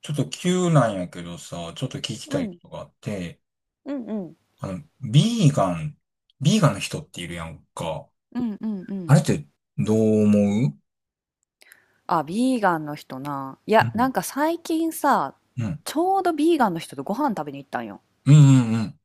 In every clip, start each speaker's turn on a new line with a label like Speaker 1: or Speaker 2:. Speaker 1: ちょっと急なんやけどさ、ちょっと聞き
Speaker 2: う
Speaker 1: たいこ
Speaker 2: ん、
Speaker 1: とがあって、
Speaker 2: うんうん。
Speaker 1: あの、ビーガン、ビーガンの人っているやんか。
Speaker 2: うんうんう
Speaker 1: あ
Speaker 2: ん。
Speaker 1: れってどう思う？
Speaker 2: あ、ビーガンの人な。い
Speaker 1: う
Speaker 2: や、な
Speaker 1: ん、
Speaker 2: んか最近さ、
Speaker 1: うん、
Speaker 2: ちょうどビーガンの人とご飯食べに行ったんよ。
Speaker 1: うん、うん、うん、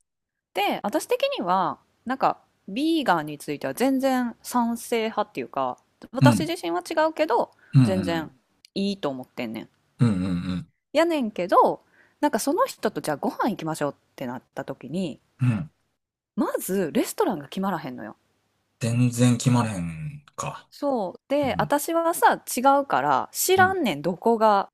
Speaker 2: で、私的には、なんか、ビーガンについては全然賛成派っていうか、
Speaker 1: う
Speaker 2: 私
Speaker 1: ん、
Speaker 2: 自身は違うけど、
Speaker 1: うん、う
Speaker 2: 全
Speaker 1: ん、
Speaker 2: 然いいと思ってんねん。
Speaker 1: うん、うん、
Speaker 2: やねんけど、なんかその人とじゃあご飯行きましょうってなった時に、
Speaker 1: うん。
Speaker 2: まずレストランが決まらへんのよ。
Speaker 1: 全然決まれへんか。
Speaker 2: そう。
Speaker 1: う
Speaker 2: で、
Speaker 1: ん、
Speaker 2: 私はさ、違うから、知
Speaker 1: う
Speaker 2: ら
Speaker 1: ん。
Speaker 2: んねん、どこが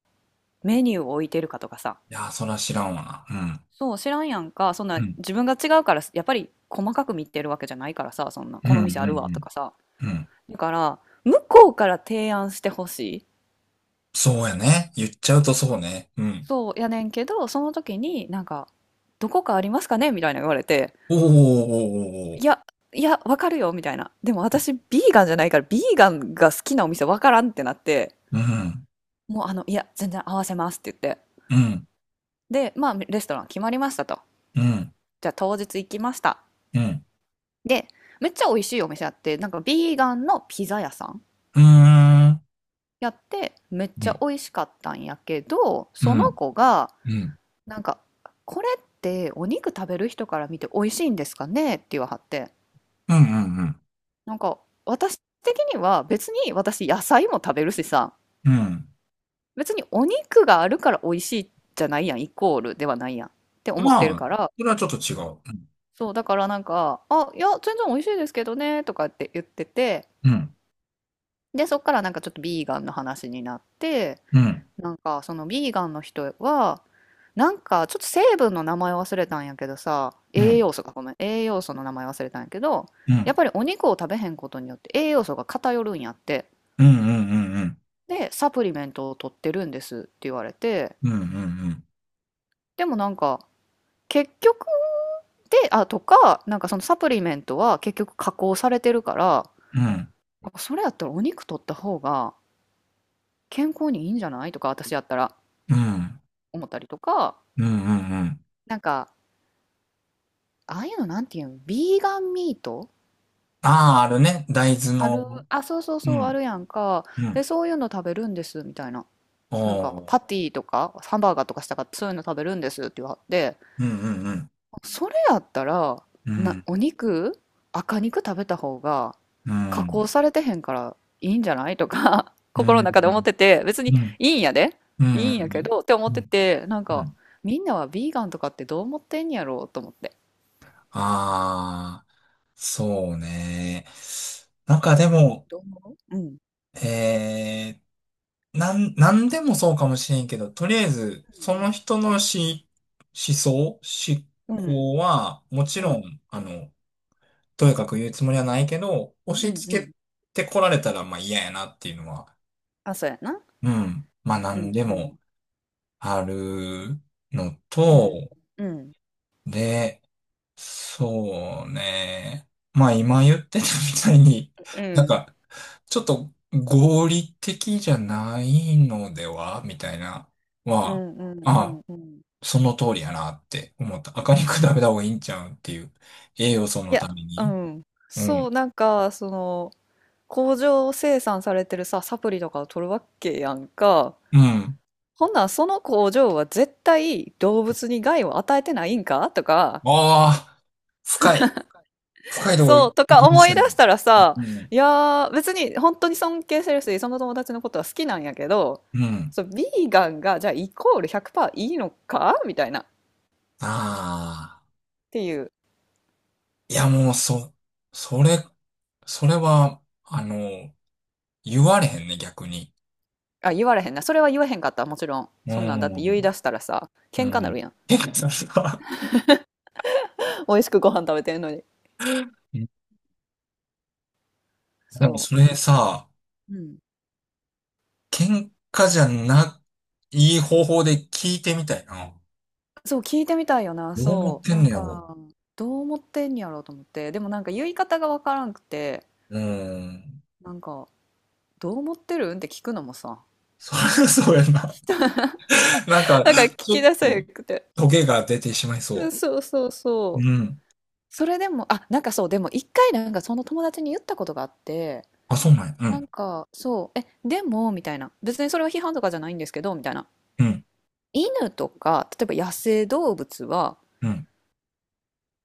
Speaker 2: メニューを置いてるかとかさ、
Speaker 1: いやー、そら知らんわな。う
Speaker 2: そう知らんやんか、そん
Speaker 1: ん、
Speaker 2: な、
Speaker 1: うん、
Speaker 2: 自分が違うからやっぱり細かく見てるわけじゃないからさ、そんな
Speaker 1: うん、
Speaker 2: こ
Speaker 1: う
Speaker 2: の
Speaker 1: ん、
Speaker 2: 店あ
Speaker 1: う
Speaker 2: るわと
Speaker 1: ん
Speaker 2: かさ、
Speaker 1: うん。うん、
Speaker 2: だから向こうから提案してほしい。
Speaker 1: そうやね。言っちゃうとそうね。うん。
Speaker 2: そうやねんけど、その時になんか「どこかありますかね？」みたいな言われて
Speaker 1: おーおーおーおーお
Speaker 2: 「い
Speaker 1: ー。
Speaker 2: やいやわかるよ」みたいな、でも私ビーガンじゃないからビーガンが好きなお店わからんってなって、
Speaker 1: うん、
Speaker 2: もうあの、いや全然合わせますって言って、
Speaker 1: うん、うん、
Speaker 2: でまあレストラン決まりましたと。
Speaker 1: うん、
Speaker 2: じゃあ当日行きました。で、めっちゃ美味しいお店あって、なんかビーガンのピザ屋さん
Speaker 1: うーん。
Speaker 2: やって、めっ
Speaker 1: う
Speaker 2: ちゃ
Speaker 1: ん
Speaker 2: 美味しかったんやけど、
Speaker 1: う
Speaker 2: その
Speaker 1: ん、
Speaker 2: 子が、
Speaker 1: うん、
Speaker 2: なんか、これってお肉食べる人から見て美味しいんですかねって言わはって、
Speaker 1: うん、うん、うん。
Speaker 2: なんか、私的には別に私野菜も食べるしさ、
Speaker 1: うん、
Speaker 2: 別にお肉があるから美味しいじゃないやん、イコールではないやんって思って
Speaker 1: ま
Speaker 2: る
Speaker 1: あ、
Speaker 2: から、
Speaker 1: それはちょっと違う。
Speaker 2: そう、だからなんか、あ、いや、全然美味しいですけどね、とかって言ってて、
Speaker 1: うん、
Speaker 2: で、そっからなんかちょっとビーガンの話になって、
Speaker 1: うん、
Speaker 2: なんかそのビーガンの人はなんかちょっと成分の名前忘れたんやけどさ、
Speaker 1: う
Speaker 2: 栄
Speaker 1: ん、
Speaker 2: 養素か、ごめん、栄養素の名前忘れたんやけど、
Speaker 1: う
Speaker 2: や
Speaker 1: ん、
Speaker 2: っぱりお肉を食べへんことによって栄養素が偏るんやって、
Speaker 1: うん、うん、うん、うん、
Speaker 2: でサプリメントを取ってるんですって言われて、
Speaker 1: うん、うん、
Speaker 2: でもなんか結局で、あとかなんかそのサプリメントは結局加工されてるから、
Speaker 1: うん、うん、
Speaker 2: あそれやったらお肉取った方が健康にいいんじゃないとか私やったら
Speaker 1: うん、
Speaker 2: 思ったりとか。
Speaker 1: うん、うん。
Speaker 2: なんか、ああいうのなんていうの、ビーガンミート。
Speaker 1: ああ、あるね。大豆
Speaker 2: ある、
Speaker 1: の。
Speaker 2: あ、そうそう
Speaker 1: う
Speaker 2: そう、あ
Speaker 1: ん、
Speaker 2: るやんか。
Speaker 1: う
Speaker 2: で、
Speaker 1: ん。
Speaker 2: そういうの食べるんです、みたいな。
Speaker 1: お
Speaker 2: なんか、
Speaker 1: ー。
Speaker 2: パティとか、ハンバーガーとかしたかった、そういうの食べるんですって言われて、
Speaker 1: うん、うん、うん、
Speaker 2: それやったら、
Speaker 1: う
Speaker 2: な、
Speaker 1: ん、
Speaker 2: お肉、赤肉食べた方が、
Speaker 1: う
Speaker 2: 加工
Speaker 1: ん、
Speaker 2: されてへんからいいんじゃないとか、
Speaker 1: うん、
Speaker 2: 心
Speaker 1: う
Speaker 2: の
Speaker 1: ん、
Speaker 2: 中で思ってて、別
Speaker 1: うん、
Speaker 2: に
Speaker 1: うん、
Speaker 2: いいんやで、いいんやけど、って思
Speaker 1: う
Speaker 2: って
Speaker 1: ん、
Speaker 2: て、なん
Speaker 1: う
Speaker 2: か、
Speaker 1: ん。
Speaker 2: みんなはビーガンとかってどう思ってんやろうと思って。
Speaker 1: ああ、そうね。なんかでも、
Speaker 2: どう思う、うん。
Speaker 1: えーなんでもそうかもしれんけど、とりあえず、そ
Speaker 2: う
Speaker 1: の
Speaker 2: ん。
Speaker 1: 人の思想、思
Speaker 2: うん。
Speaker 1: 考は、もち
Speaker 2: う
Speaker 1: ろ
Speaker 2: ん。
Speaker 1: ん、とやかく言うつもりはないけど、押
Speaker 2: う
Speaker 1: し
Speaker 2: んう
Speaker 1: 付
Speaker 2: ん。
Speaker 1: けてこられたら、まあ嫌やなっていうのは、
Speaker 2: あ、そうやな。
Speaker 1: うん、まあな
Speaker 2: う
Speaker 1: ん
Speaker 2: ん
Speaker 1: で
Speaker 2: うん。
Speaker 1: もあるの
Speaker 2: うん。
Speaker 1: と、
Speaker 2: うん。
Speaker 1: で、そうね。まあ今言ってたみたいに、
Speaker 2: う
Speaker 1: なん
Speaker 2: ん。
Speaker 1: か、ちょっと合理的じゃないのではみたいな、
Speaker 2: う
Speaker 1: は、
Speaker 2: んうんうん
Speaker 1: あ
Speaker 2: うん。
Speaker 1: その通りやなって思った。赤肉食べた方がいいんちゃうんっていう。栄養素
Speaker 2: い
Speaker 1: の
Speaker 2: や、
Speaker 1: ため
Speaker 2: う
Speaker 1: に。
Speaker 2: ん。
Speaker 1: う
Speaker 2: そう、
Speaker 1: ん。
Speaker 2: なんか、その、工場生産されてるさ、サプリとかを取るわけやんか。
Speaker 1: うん。
Speaker 2: ほんならその工場は絶対動物に害を与えてないんかとか、
Speaker 1: ああ、深い。深いとこ
Speaker 2: そ
Speaker 1: 行
Speaker 2: う、とか
Speaker 1: きま
Speaker 2: 思
Speaker 1: し
Speaker 2: い
Speaker 1: た
Speaker 2: 出
Speaker 1: ね。
Speaker 2: したらさ、
Speaker 1: うん。
Speaker 2: いやー、別に本当に尊敬してるし、その友達のことは好きなんやけど、
Speaker 1: うん。
Speaker 2: そう、ビーガンがじゃあイコール100%いいのかみたいな、っ
Speaker 1: ああ。
Speaker 2: ていう。
Speaker 1: いやもう、それ、それは、言われへんね、逆に。
Speaker 2: あ、言われへんな。それは言わへんかった、もちろん。
Speaker 1: う
Speaker 2: そんなんだって言い
Speaker 1: ん。
Speaker 2: 出したらさ、
Speaker 1: う
Speaker 2: 喧嘩なる
Speaker 1: ん。
Speaker 2: やん。
Speaker 1: てかさ、
Speaker 2: 美味しくご飯食べてんのに。
Speaker 1: うん。 でも
Speaker 2: そ
Speaker 1: それさ、
Speaker 2: う。うん。
Speaker 1: 喧嘩じゃない方法で聞いてみたいな。
Speaker 2: そう、聞いてみたいよな。
Speaker 1: どう思っ
Speaker 2: そう。
Speaker 1: て
Speaker 2: な
Speaker 1: んね
Speaker 2: ん
Speaker 1: やろ。
Speaker 2: か、どう思ってんやろうと思って。でもなんか言い方がわからんくて、
Speaker 1: うん。
Speaker 2: なんか、どう思ってるんって聞くのもさ、
Speaker 1: そりゃそうやな。なんか、
Speaker 2: なんか聞
Speaker 1: ちょ
Speaker 2: き
Speaker 1: っ
Speaker 2: 出せへ
Speaker 1: と、
Speaker 2: んくて。
Speaker 1: トゲが出てしまい
Speaker 2: うん
Speaker 1: そ
Speaker 2: そうそう
Speaker 1: う。
Speaker 2: そう。
Speaker 1: うん。
Speaker 2: それでも、あ、なんかそう、でも一回なんかその友達に言ったことがあって、
Speaker 1: あ、そうなんや。う
Speaker 2: な
Speaker 1: ん。
Speaker 2: んか、そう、え、でも、みたいな。別にそれは批判とかじゃないんですけど、みたいな。
Speaker 1: うん。
Speaker 2: 犬とか、例えば野生動物は、
Speaker 1: うん。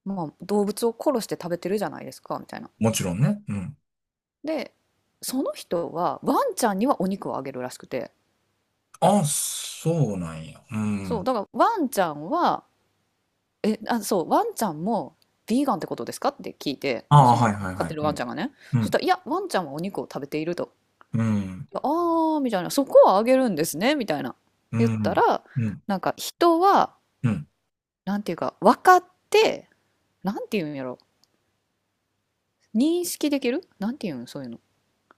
Speaker 2: まあ、動物を殺して食べてるじゃないですか、みたいな。
Speaker 1: もちろんね。うん。
Speaker 2: で、その人はワンちゃんにはお肉をあげるらしくて、
Speaker 1: あ、そうなんや。う
Speaker 2: そう、
Speaker 1: ん。
Speaker 2: だからワンちゃんは、え、あ、そう、ワンちゃんもビーガンってことですかって聞いて、
Speaker 1: あ
Speaker 2: そ
Speaker 1: あ、は
Speaker 2: の
Speaker 1: いはい
Speaker 2: 飼っ
Speaker 1: は
Speaker 2: て
Speaker 1: い。
Speaker 2: る
Speaker 1: う
Speaker 2: ワンちゃん
Speaker 1: ん。
Speaker 2: がね。
Speaker 1: う
Speaker 2: そした
Speaker 1: ん。
Speaker 2: ら、いや、ワンちゃんはお肉を食べていると。
Speaker 1: うん。
Speaker 2: ああー、みたいな、そこはあげるんですね、みたいな。
Speaker 1: う
Speaker 2: 言った
Speaker 1: ん。
Speaker 2: ら、
Speaker 1: うん。
Speaker 2: なんか人は、
Speaker 1: うん。
Speaker 2: なんていうか、分かって、なんていうんやろ、認識できるなんていうん、そういうの。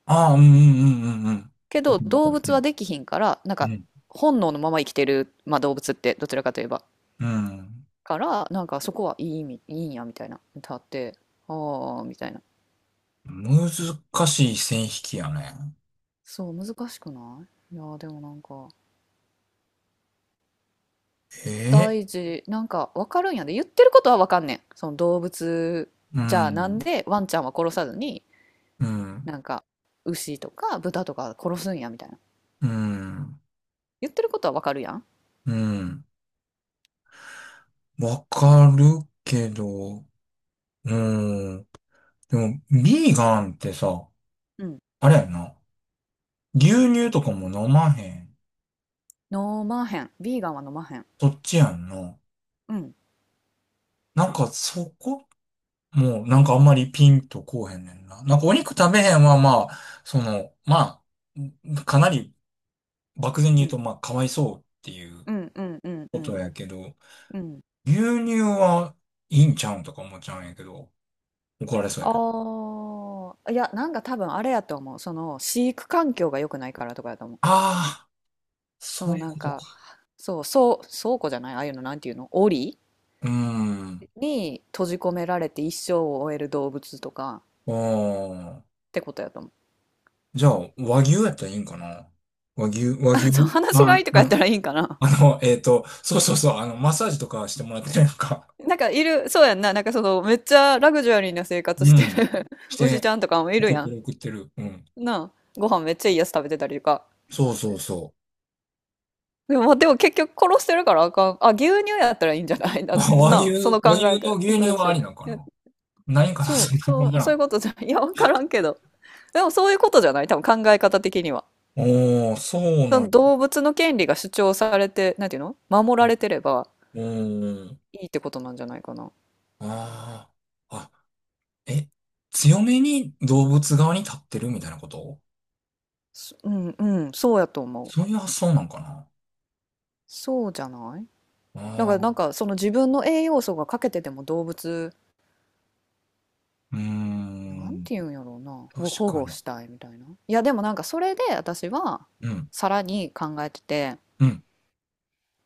Speaker 1: ああ、うんうんうんうんうん、
Speaker 2: けど
Speaker 1: 僕もわか
Speaker 2: 動物は
Speaker 1: る。
Speaker 2: できひんからなんか本能のまま生きてる、まあ、動物ってどちらかといえば
Speaker 1: うん。うん。
Speaker 2: からなんかそこはいい意味いいんやみたいな歌って、ああみたいな。
Speaker 1: うん。難しい線引きやね。
Speaker 2: そう難しくない、いやーでもなんか
Speaker 1: ええ、
Speaker 2: 大事なんか分かるんやで、言ってることは分かんねん、その動物、
Speaker 1: う
Speaker 2: じゃあなん
Speaker 1: ん。
Speaker 2: でワンちゃんは殺さずに
Speaker 1: うん。
Speaker 2: なんか牛とか豚とか殺すんやみたいな、
Speaker 1: うん。
Speaker 2: 言ってることは分かるやん。
Speaker 1: うん。わかるけど、うん。でも、ビーガンってさ、
Speaker 2: うん。
Speaker 1: あれやな。牛乳とかも飲まへん。
Speaker 2: 飲まへん、ビーガンは飲まへん。
Speaker 1: そっちやんな。
Speaker 2: うん。
Speaker 1: なんかそこもうなんかあんまりピンとこうへんねんな。なんかお肉食べへんはまあ、その、まあ、かなり漠然に
Speaker 2: う
Speaker 1: 言う
Speaker 2: ん
Speaker 1: と、まあ、かわいそうっていう
Speaker 2: うんうんうん。う
Speaker 1: こと
Speaker 2: ん
Speaker 1: やけど、
Speaker 2: うん。
Speaker 1: 牛乳はいいんちゃうんとか思っちゃうんやけど、怒られそうやけど。
Speaker 2: ああ、いや、なんか多分あれやと思う。その飼育環境が良くないからとかやと思う。
Speaker 1: ああ、
Speaker 2: そ
Speaker 1: そう
Speaker 2: の
Speaker 1: いう
Speaker 2: なん
Speaker 1: こと
Speaker 2: か、
Speaker 1: か。
Speaker 2: そう、そう倉庫じゃない、ああいうのなんていうの、檻
Speaker 1: うーん。
Speaker 2: に閉じ込められて一生を終える動物とか
Speaker 1: あ
Speaker 2: っ
Speaker 1: あ。
Speaker 2: てことやと思う。
Speaker 1: じゃあ、和牛やったらいいんかな。和牛、和牛、
Speaker 2: あ、そう、話が
Speaker 1: ま
Speaker 2: いいとか
Speaker 1: あ、
Speaker 2: やったらいいんかな。
Speaker 1: そうそうそう、マッサージとかしてもらってるやんか。
Speaker 2: なんかいる、そうやんな。なんかそのめっちゃラグジュアリーな生活
Speaker 1: う
Speaker 2: して
Speaker 1: ん。
Speaker 2: る
Speaker 1: し
Speaker 2: 牛ち
Speaker 1: て、
Speaker 2: ゃんとかもいる
Speaker 1: 送っ
Speaker 2: や
Speaker 1: て
Speaker 2: ん。
Speaker 1: る送ってる。うん。
Speaker 2: なあ、ご飯めっちゃいいやつ食べてたりとか。
Speaker 1: そうそうそ
Speaker 2: でも、でも結局殺してるからあかん。あ、牛乳やったらいいんじゃない
Speaker 1: う。
Speaker 2: だな、その考
Speaker 1: 和
Speaker 2: え
Speaker 1: 牛の
Speaker 2: 方。
Speaker 1: 牛乳
Speaker 2: 私
Speaker 1: はあ
Speaker 2: い
Speaker 1: りなんか
Speaker 2: や、
Speaker 1: な。ないんかな。
Speaker 2: そ
Speaker 1: そ
Speaker 2: う、
Speaker 1: んな、
Speaker 2: そ
Speaker 1: わ
Speaker 2: う、
Speaker 1: から
Speaker 2: そうい
Speaker 1: ん。
Speaker 2: うことじゃ、いや、わからんけど。でもそういうことじゃない多分考え方的には。
Speaker 1: おー、そう
Speaker 2: そ
Speaker 1: なん
Speaker 2: の動物の権利が主張されて、なんていうの、守られてれば
Speaker 1: や。うん。
Speaker 2: いいってことなんじゃないかな。
Speaker 1: ああ。え、強めに動物側に立ってるみたいなこと、
Speaker 2: そう、んうん、そうやと思う。
Speaker 1: そういう発想なんかな。
Speaker 2: そうじゃない、だか
Speaker 1: あ
Speaker 2: ら
Speaker 1: あ
Speaker 2: な
Speaker 1: ー、
Speaker 2: んかその自分の栄養素が欠けてても動物、
Speaker 1: うー
Speaker 2: なんて
Speaker 1: ん。
Speaker 2: 言うんやろうな、を
Speaker 1: 確
Speaker 2: 保
Speaker 1: か
Speaker 2: 護
Speaker 1: に。
Speaker 2: したいみたいな。いやでもなんかそれで私は
Speaker 1: うん。
Speaker 2: さらに考えてて、
Speaker 1: うん。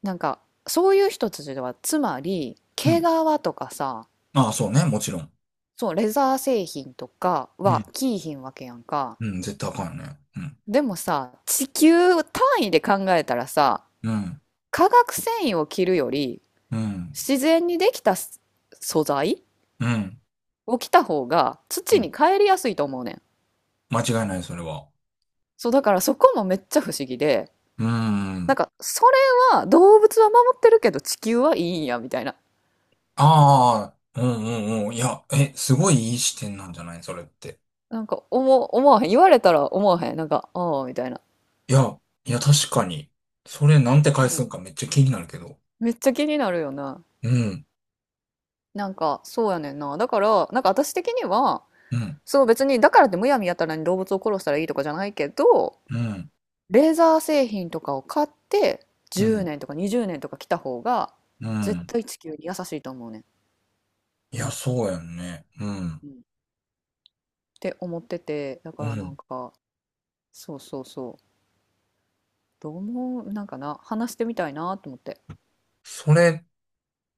Speaker 2: なんか、そういう人たちではつまり
Speaker 1: う
Speaker 2: 毛皮
Speaker 1: ん。
Speaker 2: とかさ、
Speaker 1: ああ、そうね。もちろん。
Speaker 2: そうレザー製品とか
Speaker 1: う
Speaker 2: は
Speaker 1: ん。
Speaker 2: 着いひんわけやんか。
Speaker 1: うん。絶対あかんよね。うん。
Speaker 2: でもさ地球単位で考えたらさ、
Speaker 1: うん。
Speaker 2: 化学繊維を着るより
Speaker 1: うん。
Speaker 2: 自然にできたす素材
Speaker 1: うん。
Speaker 2: を着た方が
Speaker 1: う
Speaker 2: 土
Speaker 1: ん、
Speaker 2: に帰りやすいと思うねん。
Speaker 1: 間違いない、それは。
Speaker 2: そうだからそこもめっちゃ不思議で、
Speaker 1: うー
Speaker 2: なん
Speaker 1: ん。
Speaker 2: か、それは動物は守ってるけど地球はいいんや、みたいな。
Speaker 1: ああ、うんうんうん。いや、え、すごいいい視点なんじゃないそれって。
Speaker 2: なんか、思わへん。言われたら思わへん。なんか、ああ、みたいな。
Speaker 1: いや、いや、確かに。それなんて返す
Speaker 2: そ
Speaker 1: んかめっちゃ気になるけど。
Speaker 2: う。めっちゃ気になるよな。
Speaker 1: うん、
Speaker 2: なんか、そうやねんな。だから、なんか私的には、
Speaker 1: うん、
Speaker 2: そう別に、だからってむやみやたらに動物を殺したらいいとかじゃないけど、
Speaker 1: うん、
Speaker 2: レーザー製品とかを買って、
Speaker 1: う
Speaker 2: 10
Speaker 1: ん、
Speaker 2: 年とか20年とか来た方が、
Speaker 1: う
Speaker 2: 絶
Speaker 1: ん。
Speaker 2: 対地球に優しいと思うねん。
Speaker 1: いや、そうやんね。うん、
Speaker 2: うん、って思ってて、だか
Speaker 1: う
Speaker 2: らな
Speaker 1: ん。
Speaker 2: んか、そうそうそう。どう思う、なんかな、話してみたいなと思って。
Speaker 1: それ、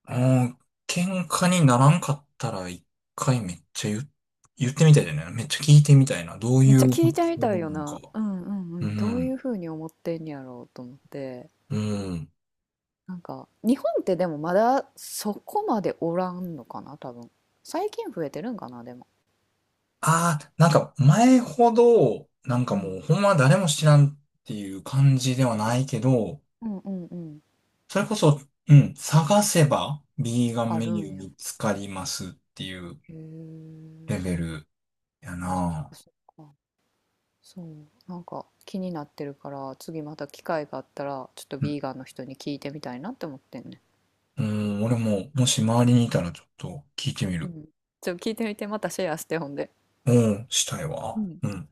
Speaker 1: うん、喧嘩にならんかったら一回めっちゃ言う、言ってみたいだよね。めっちゃ聞いてみたいな。どう
Speaker 2: め
Speaker 1: い
Speaker 2: っちゃ
Speaker 1: う発
Speaker 2: 聞いてみ
Speaker 1: 想
Speaker 2: たいよ
Speaker 1: なのか。
Speaker 2: な。うんうんう
Speaker 1: う
Speaker 2: ん。どういう
Speaker 1: ん、
Speaker 2: ふうに思ってんやろうと思って。
Speaker 1: うん。
Speaker 2: なんか、日本ってでもまだそこまでおらんのかな、多分。最近増えてるんかな、でも。
Speaker 1: ああ、なんか前ほど、なん
Speaker 2: う
Speaker 1: かも
Speaker 2: ん。
Speaker 1: うほんま誰も知らんっていう感じではないけど、
Speaker 2: うんうんうん。
Speaker 1: それこそ、うん、探せば、ビーガン
Speaker 2: あ
Speaker 1: メ
Speaker 2: る
Speaker 1: ニュ
Speaker 2: ん
Speaker 1: ー
Speaker 2: や。
Speaker 1: 見つかりますっていう
Speaker 2: へえ。
Speaker 1: レベルや
Speaker 2: そっか
Speaker 1: な。
Speaker 2: そっか。そう。なんか気になってるから、次また機会があったら、ちょっと
Speaker 1: う
Speaker 2: ビ
Speaker 1: ん、
Speaker 2: ーガンの人に聞いてみたいなって思ってんね。
Speaker 1: うん、俺も、もし周りにいたらちょっと聞いてみ
Speaker 2: う
Speaker 1: る。
Speaker 2: ん。ちょっと聞いてみて、またシェアしてほんで。
Speaker 1: うん、したい
Speaker 2: う
Speaker 1: わ。
Speaker 2: ん。
Speaker 1: うん。